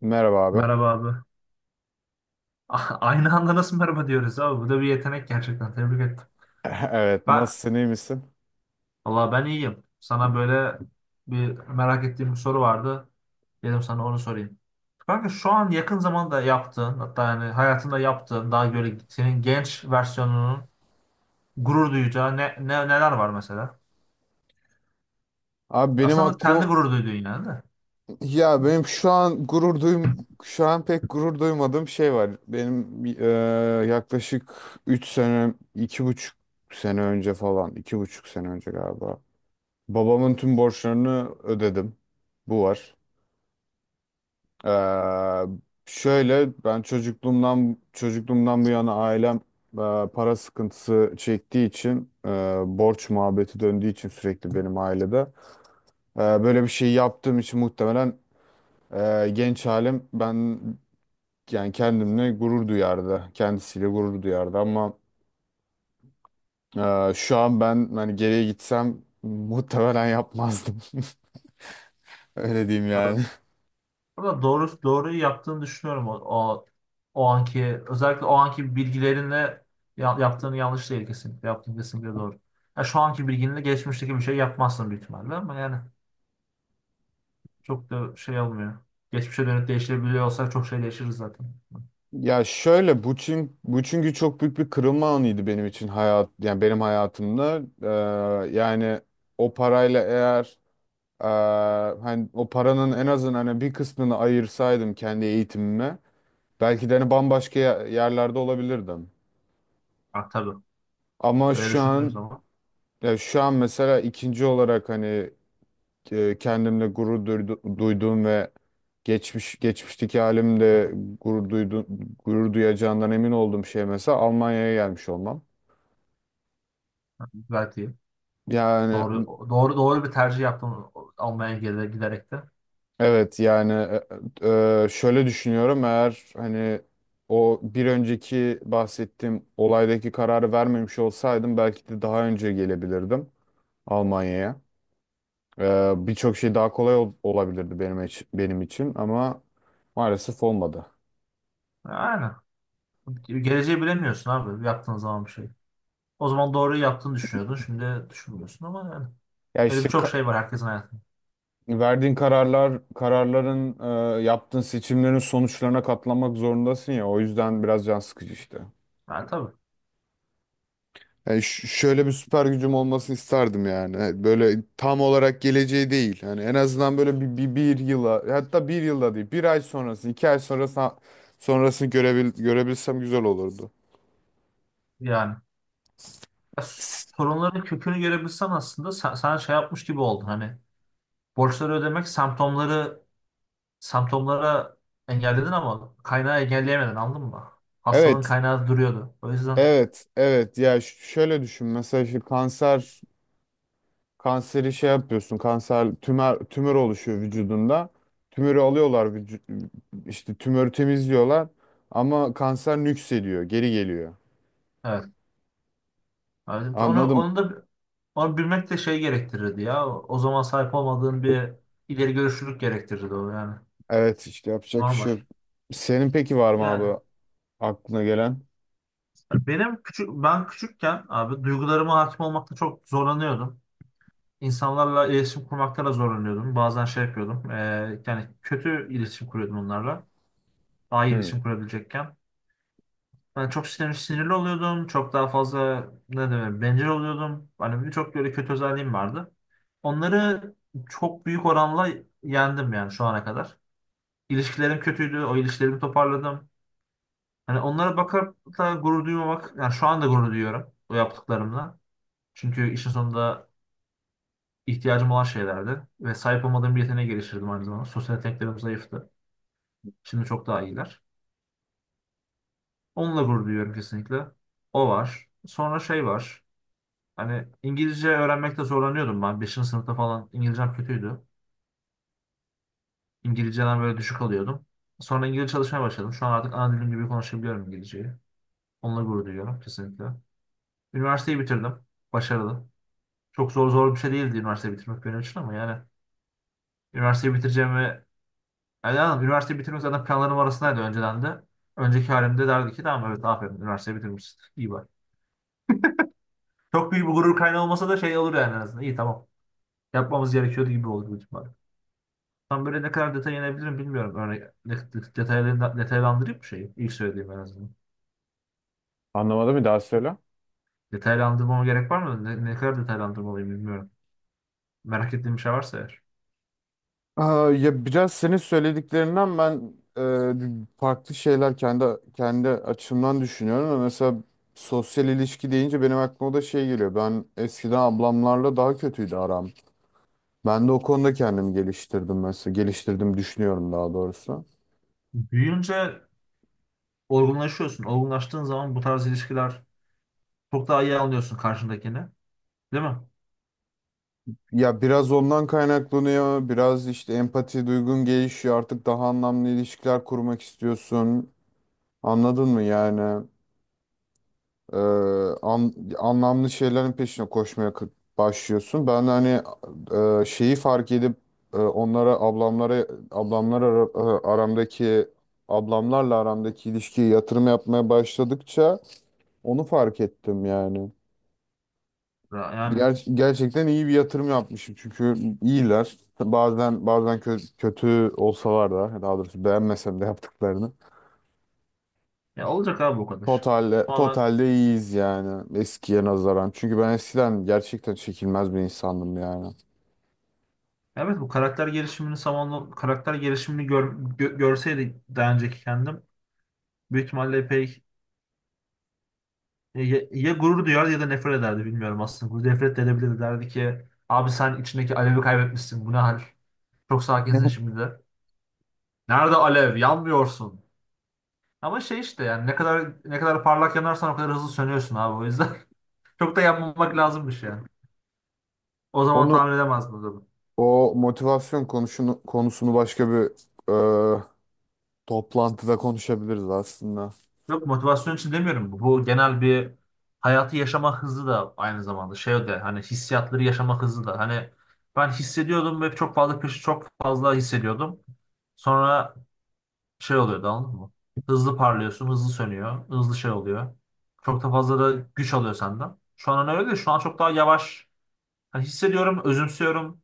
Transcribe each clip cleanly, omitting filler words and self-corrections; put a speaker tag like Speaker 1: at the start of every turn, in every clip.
Speaker 1: Merhaba abi.
Speaker 2: Merhaba abi. Aynı anda nasıl merhaba diyoruz abi? Bu da bir yetenek gerçekten. Tebrik ettim.
Speaker 1: Evet,
Speaker 2: Ben,
Speaker 1: nasılsın, iyi misin?
Speaker 2: Allah, ben iyiyim. Sana böyle bir merak ettiğim bir soru vardı. Dedim sana onu sorayım. Kanka şu an yakın zamanda yaptığın, hatta yani hayatında yaptığın daha böyle senin genç versiyonunun gurur duyacağı neler var mesela?
Speaker 1: Abi benim
Speaker 2: Aslında kendi
Speaker 1: aklım
Speaker 2: gurur duyduğun yani de.
Speaker 1: ya benim şu an gurur duyum şu an pek gurur duymadığım şey var. Benim yaklaşık 3 sene, 2,5 sene önce falan, 2,5 sene önce galiba. Babamın tüm borçlarını ödedim. Bu var. E, Şöyle ben çocukluğumdan bu yana ailem para sıkıntısı çektiği için borç muhabbeti döndüğü için sürekli benim ailede. Böyle bir şey yaptığım için muhtemelen genç halim ben yani kendimle gurur duyardı. Kendisiyle gurur duyardı ama şu an ben hani geriye gitsem muhtemelen yapmazdım. Öyle diyeyim yani.
Speaker 2: Ama doğruyu yaptığını düşünüyorum o anki, özellikle o anki bilgilerinle yaptığını, yanlış değil kesinlikle. Yaptığın kesinlikle doğru. Ya şu anki bilginle geçmişteki bir şey yapmazsın büyük ihtimalle ama yani çok da şey olmuyor. Geçmişe dönüp değiştirebiliyor olsak çok şey değişiriz zaten.
Speaker 1: Ya şöyle bu çünkü çok büyük bir kırılma anıydı benim hayatımda. Yani o parayla eğer e, hani o paranın en azından hani bir kısmını ayırsaydım kendi eğitimime belki de hani bambaşka yerlerde olabilirdim.
Speaker 2: Ha, tabii.
Speaker 1: Ama
Speaker 2: Böyle
Speaker 1: şu
Speaker 2: düşündüğün
Speaker 1: an
Speaker 2: zaman
Speaker 1: ya şu an mesela ikinci olarak hani kendimle duyduğum ve geçmişteki halimde gurur duydu, gurur duyacağından emin olduğum şey mesela Almanya'ya gelmiş olmam.
Speaker 2: gayet iyi.
Speaker 1: Yani
Speaker 2: Doğru, doğru, doğru bir tercih yaptım Almanya'ya giderek de.
Speaker 1: evet yani şöyle düşünüyorum eğer hani o bir önceki bahsettiğim olaydaki kararı vermemiş olsaydım belki de daha önce gelebilirdim Almanya'ya. Birçok şey daha kolay olabilirdi benim için ama maalesef olmadı.
Speaker 2: Aynen. Geleceği bilemiyorsun abi yaptığın zaman bir şey. O zaman doğruyu yaptığını düşünüyordun. Şimdi düşünmüyorsun ama yani.
Speaker 1: Ya
Speaker 2: Öyle
Speaker 1: işte
Speaker 2: birçok şey var herkesin hayatında.
Speaker 1: verdiğin kararların, yaptığın seçimlerin sonuçlarına katlanmak zorundasın ya. O yüzden biraz can sıkıcı işte.
Speaker 2: Yani tabii.
Speaker 1: Yani şöyle bir süper gücüm olmasını isterdim yani. Hani böyle tam olarak geleceği değil. Yani en azından böyle bir yıla hatta bir yılda değil bir ay sonrası iki ay sonrası görebilsem güzel olurdu.
Speaker 2: Yani, ya, sorunların kökünü görebilsen aslında sen şey yapmış gibi oldun. Hani borçları ödemek semptomlara engelledin ama kaynağı engelleyemedin, anladın mı? Hastalığın
Speaker 1: Evet,
Speaker 2: kaynağı duruyordu. O yüzden,
Speaker 1: Evet, evet. Ya şöyle düşün. Mesela şu kanser kanseri şey yapıyorsun. Kanser tümör oluşuyor vücudunda. Tümörü alıyorlar işte tümörü temizliyorlar ama kanser nüksediyor, geri geliyor.
Speaker 2: evet. Evet,
Speaker 1: Anladım.
Speaker 2: onu bilmek de şey gerektirirdi ya. O zaman sahip olmadığın bir ileri görüşlülük gerektirirdi o yani.
Speaker 1: Evet, işte yapacak bir şey
Speaker 2: Normal.
Speaker 1: yok. Senin peki var mı
Speaker 2: Yani
Speaker 1: abi aklına gelen?
Speaker 2: benim küçük, ben küçükken abi, duygularıma hakim olmakta çok zorlanıyordum. İnsanlarla iletişim kurmakta da zorlanıyordum. Bazen şey yapıyordum. Yani kötü iletişim kuruyordum onlarla. Daha iyi
Speaker 1: Hmm.
Speaker 2: iletişim kurabilecekken. Ben çok sinirli oluyordum. Çok daha fazla, ne demek, bencil oluyordum. Hani birçok böyle kötü özelliğim vardı. Onları çok büyük oranla yendim yani şu ana kadar. İlişkilerim kötüydü. O ilişkilerimi toparladım. Hani onlara bakıp da gurur duymamak. Yani şu anda gurur duyuyorum o yaptıklarımla. Çünkü işin sonunda ihtiyacım olan şeylerdi. Ve sahip olmadığım bir yeteneğe geliştirdim aynı zamanda. Sosyal yeteneklerim zayıftı. Şimdi çok daha iyiler. Onunla gurur duyuyorum kesinlikle. O var. Sonra şey var. Hani İngilizce öğrenmekte zorlanıyordum ben. 5. sınıfta falan İngilizcem kötüydü. İngilizceden böyle düşük alıyordum. Sonra İngilizce çalışmaya başladım. Şu an artık ana dilim gibi konuşabiliyorum İngilizceyi. Onunla gurur duyuyorum kesinlikle. Üniversiteyi bitirdim. Başarılı. Çok zor zor bir şey değildi üniversiteyi bitirmek benim için ama yani üniversiteyi bitireceğimi, yani, anladım, üniversiteyi bitirmek zaten planlarım arasındaydı önceden de. Önceki halimde derdi ki tamam, evet, aferin, üniversiteyi bitirmişsin. İyi, bak. Çok büyük bir gurur kaynağı olmasa da şey olur yani en azından. İyi, tamam. Yapmamız gerekiyordu gibi oldu bu ihtimal. Tam böyle ne kadar detay inebilirim bilmiyorum. Örnek detaylarını detaylandırayım mı şeyi? İlk söylediğim en azından.
Speaker 1: Anlamadım bir daha söyle.
Speaker 2: Detaylandırmama gerek var mı? Ne kadar detaylandırmalıyım bilmiyorum. Merak ettiğim bir şey varsa eğer.
Speaker 1: Aa, ya biraz senin söylediklerinden ben farklı şeyler kendi açımdan düşünüyorum. Ama mesela sosyal ilişki deyince benim aklıma da şey geliyor. Ben eskiden ablamlarla daha kötüydü aram. Ben de o konuda kendimi geliştirdim mesela. Geliştirdim düşünüyorum daha doğrusu.
Speaker 2: Büyüyünce olgunlaşıyorsun. Olgunlaştığın zaman bu tarz ilişkiler, çok daha iyi anlıyorsun karşındakini. Değil mi?
Speaker 1: Ya biraz ondan kaynaklanıyor. Biraz işte empati duygun gelişiyor. Artık daha anlamlı ilişkiler kurmak istiyorsun. Anladın mı yani? Ee, Anlamlı şeylerin peşine koşmaya başlıyorsun. Ben de hani şeyi fark edip e, onlara ablamlara ablamlar ara- e, aramdaki ablamlarla aramdaki ilişkiye yatırım yapmaya başladıkça onu fark ettim yani.
Speaker 2: Yani.
Speaker 1: Gerçekten iyi bir yatırım yapmışım çünkü iyiler. Bazen kötü olsalar da daha doğrusu beğenmesem de yaptıklarını.
Speaker 2: Ya olacak abi o kadar. Tamamen.
Speaker 1: Totalde iyiyiz yani eskiye nazaran. Çünkü ben eskiden gerçekten çekilmez bir insandım yani.
Speaker 2: Evet, bu karakter gelişimini zamanla, karakter gelişimini görseydi daha önceki kendim, büyük ihtimalle epey, ya ya gurur duyar ya da nefret ederdi bilmiyorum aslında. Nefret de edebilirdi, derdi ki abi sen içindeki alevi kaybetmişsin, bu ne hal? Çok sakinsin
Speaker 1: Evet.
Speaker 2: şimdi de. Nerede alev? Yanmıyorsun. Ama şey işte yani, ne kadar ne kadar parlak yanarsan o kadar hızlı sönüyorsun abi, o yüzden çok da yanmamak lazımmış yani. O zaman
Speaker 1: Onu
Speaker 2: tahmin edemezdim o zaman.
Speaker 1: o motivasyon konusunu başka bir e, toplantıda konuşabiliriz aslında.
Speaker 2: Yok, motivasyon için demiyorum bu. Bu genel bir hayatı yaşama hızı da aynı zamanda, şey de, hani hissiyatları yaşama hızı da, hani ben hissediyordum ve çok fazla, kış, çok fazla hissediyordum. Sonra şey oluyordu, anladın mı? Hızlı parlıyorsun, hızlı sönüyor, hızlı şey oluyor. Çok da fazla da güç alıyor senden. Şu an hani öyle değil. Şu an çok daha yavaş. Hani hissediyorum, özümsüyorum.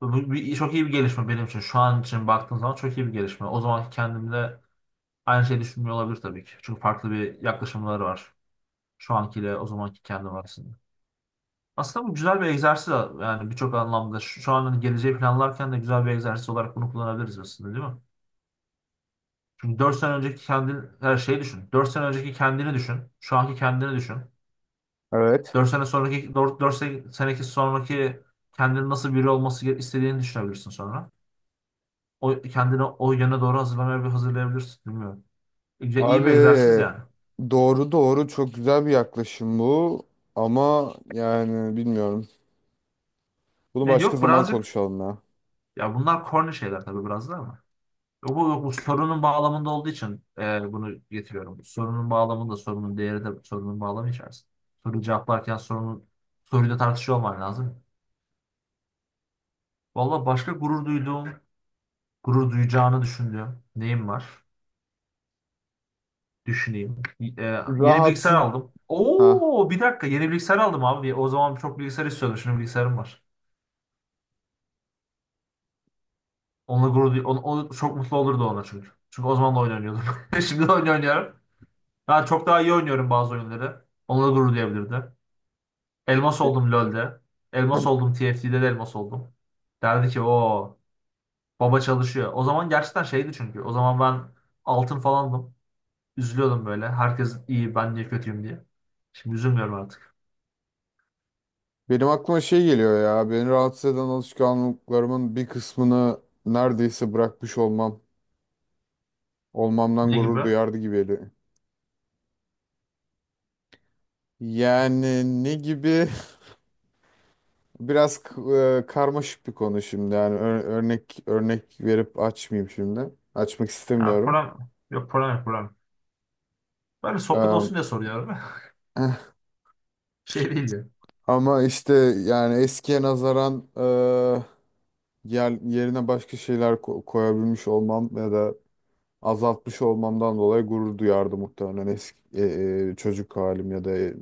Speaker 2: Bu bir, çok iyi bir gelişme benim için. Şu an için baktığım zaman çok iyi bir gelişme. O zamanki kendimde aynı şeyi düşünmüyor olabilir tabii ki. Çünkü farklı bir yaklaşımları var. Şu ankiyle o zamanki kendim arasında. Aslında bu güzel bir egzersiz yani birçok anlamda. Şu an hani geleceği planlarken de güzel bir egzersiz olarak bunu kullanabiliriz aslında, değil mi? Çünkü 4 sene önceki kendini, her şeyi düşün. 4 sene önceki kendini düşün. Şu anki kendini düşün.
Speaker 1: Evet.
Speaker 2: Dört sene sonraki, dört seneki sonraki kendinin nasıl biri olması istediğini düşünebilirsin sonra. O kendini o yöne doğru hazırlamaya bir hazırlayabilirsin. Bilmiyorum. İyi, iyi bir
Speaker 1: Abi
Speaker 2: egzersiz yani.
Speaker 1: doğru doğru çok güzel bir yaklaşım bu ama yani bilmiyorum. Bunu
Speaker 2: Ne,
Speaker 1: başka
Speaker 2: yok
Speaker 1: zaman
Speaker 2: birazcık,
Speaker 1: konuşalım ya.
Speaker 2: ya bunlar corny şeyler tabii biraz da ama. Yok, bu sorunun bağlamında olduğu için bunu getiriyorum. Sorunun bağlamında sorunun değeri de sorunun bağlamı içerisinde. Soruyu cevaplarken sorunun soruyla tartışıyor olman lazım. Valla başka gurur duyduğum, gurur duyacağını düşündüğüm neyim var? Düşüneyim. Yeni bilgisayar
Speaker 1: Rahatsız.
Speaker 2: aldım.
Speaker 1: Ha.
Speaker 2: Oo, bir dakika, yeni bilgisayar aldım abi. O zaman çok bilgisayar istiyordum. Şimdi bilgisayarım var. Onunla gurur duy onu, onu- çok mutlu olurdu ona çünkü. Çünkü o zaman da oyun oynuyordum. Şimdi de oyun oynuyorum. Daha çok daha iyi oynuyorum bazı oyunları. Onunla gurur duyabilirdi. Elmas oldum LoL'de. Elmas oldum TFT'de de elmas oldum. Derdi ki o baba çalışıyor. O zaman gerçekten şeydi çünkü. O zaman ben altın falandım. Üzülüyordum böyle. Herkes iyi, ben niye kötüyüm diye. Şimdi üzülmüyorum artık.
Speaker 1: Benim aklıma şey geliyor ya. Beni rahatsız eden alışkanlıklarımın bir kısmını neredeyse bırakmış olmam. Olmamdan
Speaker 2: Ne gibi?
Speaker 1: gurur duyardı gibi geliyor. Yani ne gibi? Biraz karmaşık bir konu şimdi. Yani örnek örnek verip açmayayım şimdi. Açmak
Speaker 2: Yani
Speaker 1: istemiyorum.
Speaker 2: problem, yok problem yok problem. Böyle sohbet
Speaker 1: Ee,
Speaker 2: olsun diye soruyorum. Şey değil ya.
Speaker 1: ama işte yani eskiye nazaran yerine başka şeyler koyabilmiş olmam ya da azaltmış olmamdan dolayı gurur duyardı muhtemelen çocuk halim ya da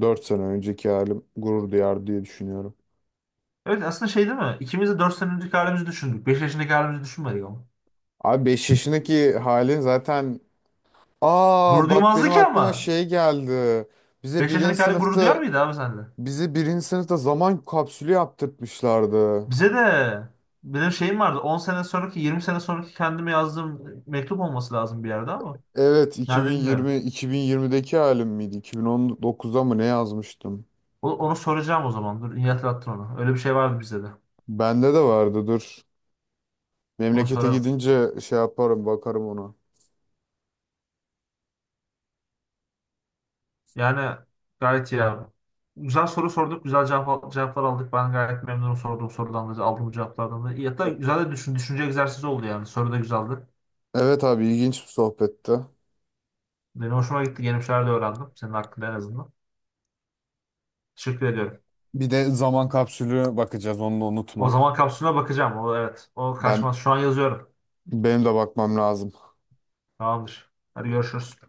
Speaker 1: 4 sene önceki halim gurur duyardı diye düşünüyorum.
Speaker 2: Evet aslında şey değil mi? İkimiz de 4 sene önceki halimizi düşündük. 5 yaşındaki halimizi düşünmedik ama.
Speaker 1: Abi 5 yaşındaki halin zaten aa
Speaker 2: Gurur
Speaker 1: bak
Speaker 2: duymazdı
Speaker 1: benim
Speaker 2: ki
Speaker 1: aklıma
Speaker 2: ama.
Speaker 1: şey geldi. Bize
Speaker 2: 5
Speaker 1: birinci
Speaker 2: yaşındaki halin gurur duyar
Speaker 1: sınıfta
Speaker 2: mıydı abi sende?
Speaker 1: bizi birinci sınıfta zaman kapsülü yaptırtmışlardı.
Speaker 2: Bize de benim şeyim vardı. 10 sene sonraki, 20 sene sonraki kendime yazdığım mektup olması lazım bir yerde ama.
Speaker 1: Evet
Speaker 2: Nerede bilmiyorum.
Speaker 1: 2020'deki halim miydi? 2019'da mı ne yazmıştım?
Speaker 2: Onu soracağım o zaman. Dur, iyi hatırlattın onu. Öyle bir şey vardı bize de.
Speaker 1: Bende de vardı dur.
Speaker 2: Onu
Speaker 1: Memlekete
Speaker 2: sorarım.
Speaker 1: gidince şey yaparım bakarım ona.
Speaker 2: Yani gayet iyi abi. Güzel soru sorduk, güzel cevaplar aldık. Ben gayet memnunum sorduğum sorudan da, aldığım cevaplardan da. İyi. Hatta güzel de düşünce egzersizi oldu yani. Soru da güzeldi.
Speaker 1: Evet abi ilginç bir sohbetti.
Speaker 2: Benim hoşuma gitti, yeni bir şeyler de öğrendim. Senin hakkında en azından. Teşekkür ediyorum.
Speaker 1: Bir de zaman kapsülü bakacağız onu da
Speaker 2: O
Speaker 1: unutma.
Speaker 2: zaman kapsülüne bakacağım. O, evet, o
Speaker 1: Ben
Speaker 2: kaçmaz. Şu an yazıyorum.
Speaker 1: Benim de bakmam lazım.
Speaker 2: Tamamdır. Hadi görüşürüz.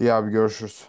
Speaker 1: İyi abi görüşürüz.